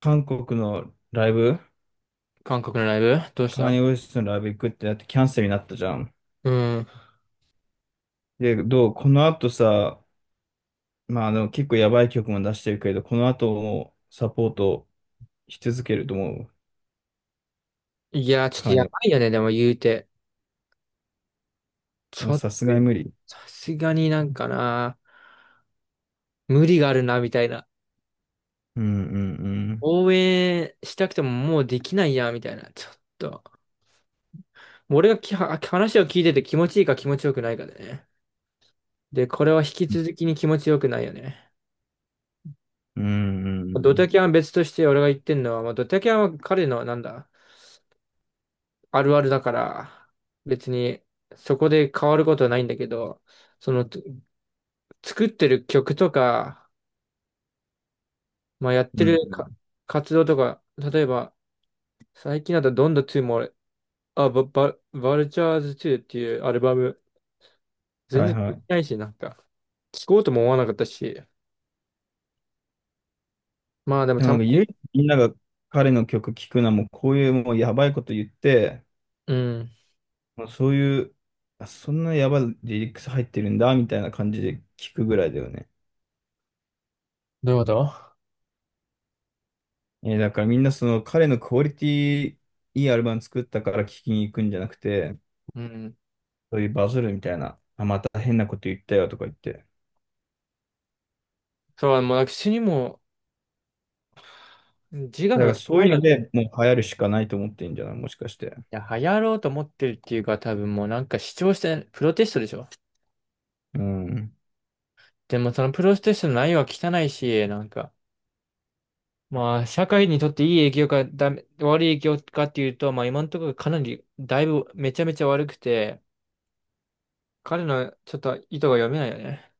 韓国のライブ、韓国のライブどうしカーニた？ーウェストのライブ行くってなってキャンセルになったじゃん。うん。で、どうこの後さ、まあ、結構やばい曲も出してるけれど、この後もサポートし続けると思う。いや、ちょっカとーニやー、ばいよね、でも言うて。もちうょっと、さすがに無理。さすがになんかな、無理があるな、みたいな。うんうん応援したくてももうできないや、みたいな。ちょっと。俺がきは話を聞いてて気持ちいいか気持ちよくないかでね。で、これは引き続きに気持ちよくないよね。うん。うんうんうドん。タキャンは別として俺が言ってんのは、まあ、ドタキャンは彼のなんだ、あるあるだから、別にそこで変わることはないんだけど、その、作ってる曲とか、まあ、やっうてんうん。るか活動とか、例えば、最近だとどんどん2も俺、あ、バ、バ、バルチャーズ2っていうアルバム、は全い然聞はいてい。ないし、なんか、聞こうとも思わなかったし、まあでもでもたなんまか唯に、一みんなが彼の曲聴くのはもうこういうもうやばいこと言って、うん。もうそういう、あ、そんなやばいリリックス入ってるんだみたいな感じで聴くぐらいだよね。どういうこと？だからみんなその彼のクオリティいいアルバム作ったから聴きに行くんじゃなくて、うん。そういうバズるみたいな、あ、また変なこと言ったよとか言って。そう、もう私にもう自我だからが効かそういないうよのね。でもう流行るしかないと思ってんじゃないもしかして？いや流行ろうと思ってるっていうか、多分もうなんか主張して、プロテストでしょ？うん。うん。でもそのプロテストの内容は汚いし、なんか、まあ、社会にとっていい影響かダメ、悪い影響かっていうと、まあ今のところかなり、だいぶめちゃめちゃ悪くて、彼のちょっと意図が読めないよね。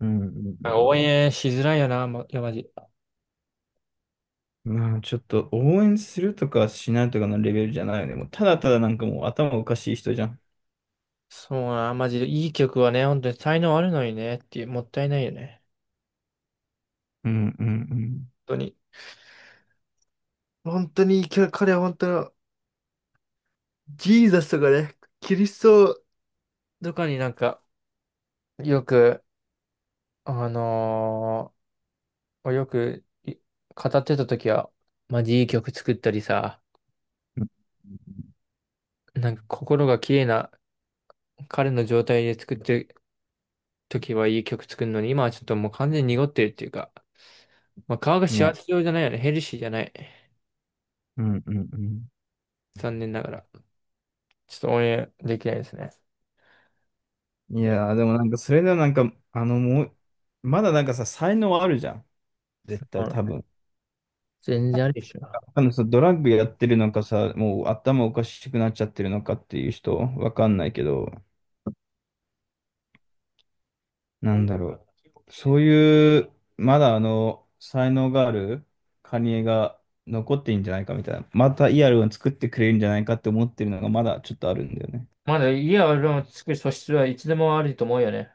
うんう応ん。援しづらいよな、ま、いや、マジ。まあちょっと応援するとかしないとかのレベルじゃないよね。もうただただなんかもう頭おかしい人じゃん。そうな、マジでいい曲はね、本当に才能あるのにね、っていう、もったいないよね。うんうん本当に。本当に、彼は本当に、ジーザスとかね、キリストとかになんか、よく、あのよく語ってた時は、マジいい曲作ったりさ、なんか心が綺麗な彼の状態で作ってる時はいい曲作るのに、今はちょっともう完全に濁ってるっていうか、まあ、顔がうん。幸ね。せ状じゃないよね。ヘルシーじゃない。うんうんうん。残念ながら。ちょっと応援できないですね。いやー、でもなんか、それではなんか、もう、まだなんかさ、才能あるじゃん。絶そ対う多だね。分。全然あるでしょ。あのさ、ドラッグやってるのかさ、もう頭おかしくなっちゃってるのかっていう人、わかんないけど、なんだろう。そういう、まだ才能があるカニエが残ってんじゃないかみたいな。またイアルを作ってくれるんじゃないかって思ってるのがまだちょっとあるんだよね。まだいいアルバム作る素質はいつでもあると思うよね。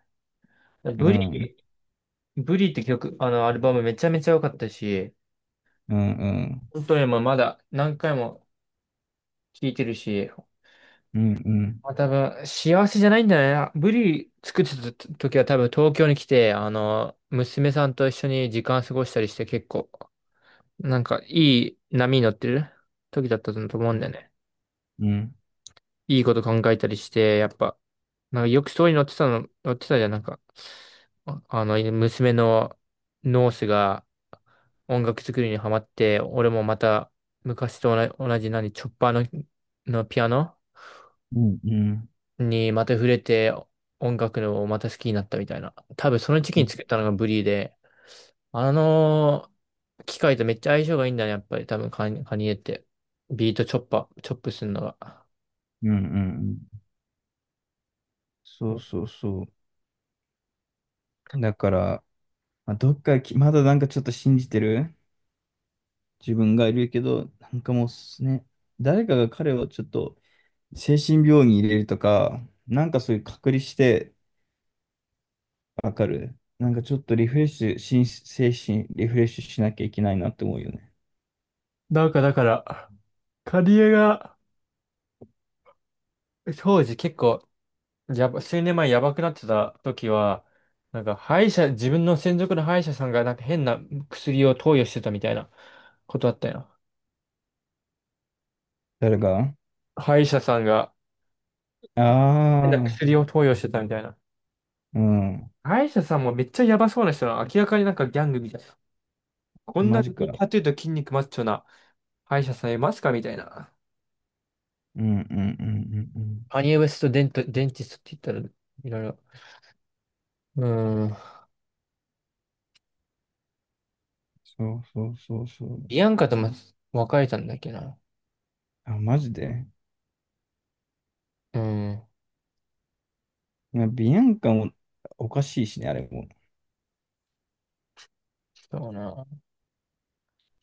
うん、うブん、リ、ブリって曲、あのアルバムめちゃめちゃ良かったし、うん、本当にもうまだ何回も聴いてるし、うん、うん、まあ、多分、幸せじゃないんだよね。ブリ作ってた時は多分東京に来て、あの、娘さんと一緒に時間過ごしたりして結構、なんかいい波に乗ってる時だったと思うんだよね。うん、いいこと考えたりして、やっぱ、なんかよくストーリーに載ってたの、載ってたじゃん、なんか、娘のノースが音楽作りにハマって、俺もまた昔と同じ何、チョッパーの、のピアノうん、うん、にまた触れて音楽のまた好きになったみたいな。多分その時う期にん、作ったのがブリーで、あの機械とめっちゃ相性がいいんだね、やっぱり多分カニエって。ビートチョッパー、チョップするのが。うん、そうそうそう。だから、まあ、どっかき、まだなんかちょっと信じてる自分がいるけど、なんかもうすね、誰かが彼をちょっと精神病院に入れるとか、なんかそういう隔離してわかる。なんかちょっとリフレッシュ、心精神リフレッシュしなきゃいけないなって思うよね。なんかだから、カニエが、当時結構、数年前やばくなってた時は、なんか歯医者、自分の専属の歯医者さんがなんか変な薬を投与してたみたいなことあったよ。誰が？歯医者さんが変なああ薬を投与してたみたいな。ー、うん、歯医者さんもめっちゃやばそうな人は明らかになんかギャングみたいな。こんマなジにか。タトゥーと筋肉マッチョな歯医者さんいますかみたいな。うんうんうんうんうん。カニエ・ウェスト・デンティストって言ったら、いろいろ。うーん。そうそうそうそう。ビアンカとも別れたんだっけな。あ、マジで。うーん。まあビアンカもおかしいしね、あれも。そうな。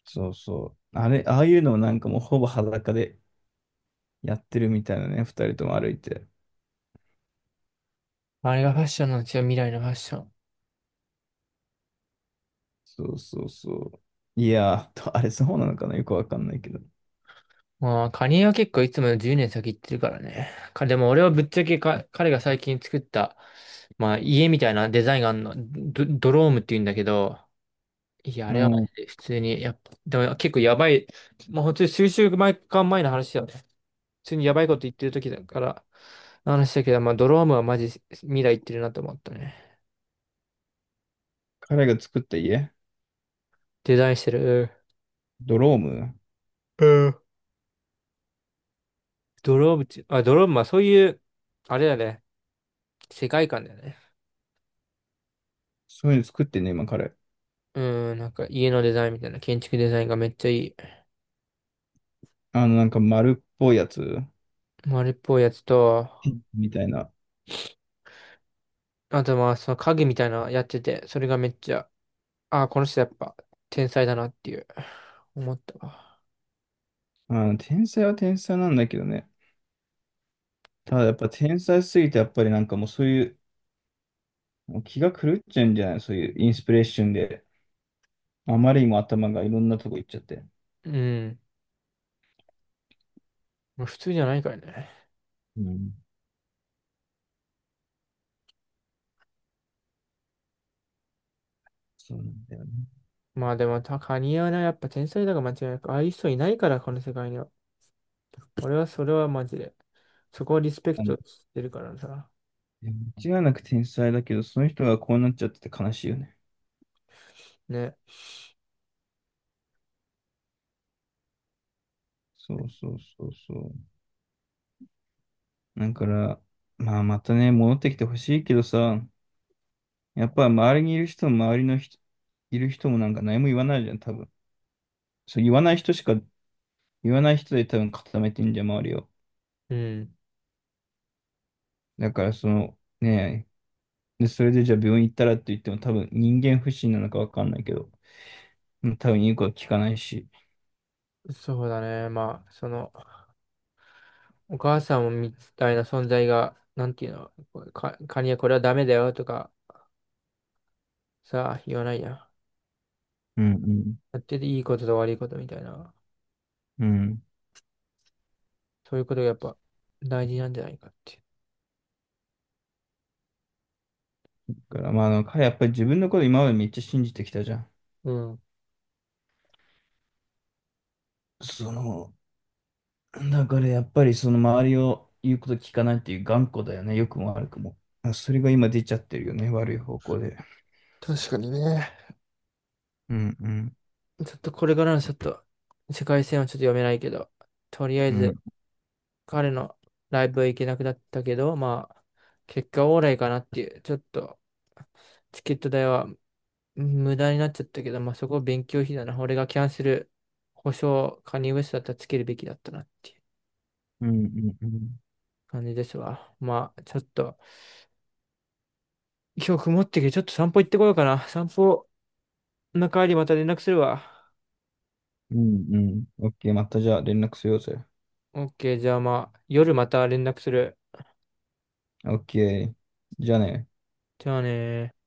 そうそう。あれ、ああいうのをなんかもうほぼ裸でやってるみたいなね、二人とも歩いて。あれがファッションなんですよ、未来のファッション。そうそうそう。いやー、あれそうなのかなよくわかんないけど。まあ、カニエは結構いつもより10年先行ってるからね。でも俺はぶっちゃけ彼が最近作った、まあ、家みたいなデザインがあるの。ドロームって言うんだけど、いや、あうれはマん、ジで普通に、やっぱ、でも結構やばい、まあ本当に数週間前の話だよね。普通にやばいこと言ってる時だから、話だけど、まあドロームはマジ未来行ってるなと思ったね。彼が作った家、デザインしてる。ドローム、うん。ドロームはそういう、あれだね、世界観だよね。そういうの作ってんね、今彼。うん、なんか家のデザインみたいな、建築デザインがめっちゃいい。なんか丸っぽいやつ丸っぽいやつと、みたいな。あとまあその影みたいなのやってて、それがめっちゃ、あ、この人やっぱ天才だなっていう、思ったわ。天才は天才なんだけどね。ただやっぱ天才すぎて、やっぱりなんかもうそういうもう気が狂っちゃうんじゃないそういうインスピレーションで。あまりにも頭がいろんなとこ行っちゃって。うん。まあ普通じゃないからね。うん。そうなんだよね。まあでも、カニはね、やっぱ天才だが間違いなく、ああいう人いないから、この世界には。俺はそれはマジで。そこをリスペクいトしてるからさ。や、間違いなく天才だけど、その人がこうなっちゃってて悲しいよね。ね。そうそうそうそう。だから、まあまたね、戻ってきてほしいけどさ、やっぱ周りにいる人も周りの人、いる人もなんか何も言わないじゃん、多分。そう、言わない人で多分固めてんじゃん、周りを。うん。だからその、ねで、それでじゃあ病院行ったらって言っても多分人間不信なのかわかんないけど、うん、多分言うことは聞かないし。そうだね。まあ、その、お母さんみたいな存在が、なんていうの、こうか、カニはこれはダメだよとか、さ、言わないやん。やうんってていいことと悪いことみたいな。うん。うん。そういうことがやっぱ大事なんじゃないかっていだからまあなんかやっぱり自分のこと今までめっちゃ信じてきたじゃん。う。うん。その、だからやっぱりその周りを言うこと聞かないっていう頑固だよね。良くも悪くも。あ、それが今出ちゃってるよね。悪い方向で。確かにね。うんうんちょっとこれからのちょっと世界線はちょっと読めないけど、とりあえうんず彼のライブは行けなくなったけど、まあ、結果オーライかなっていう、ちょっとチケット代は無駄になっちゃったけど、まあそこ勉強費だな。俺がキャンセル保証、カニウエストだったらつけるべきだったなっていううんうんうん感じですわ。まあ、ちょっと今日曇ってきてちょっと散歩行ってこようかな。散歩の帰りまた連絡するわ。うんうん。オッケー、またじゃあ連絡しようぜ。オッケー、じゃあまあ夜また連絡する。オッケー。じゃあね。じゃあねー。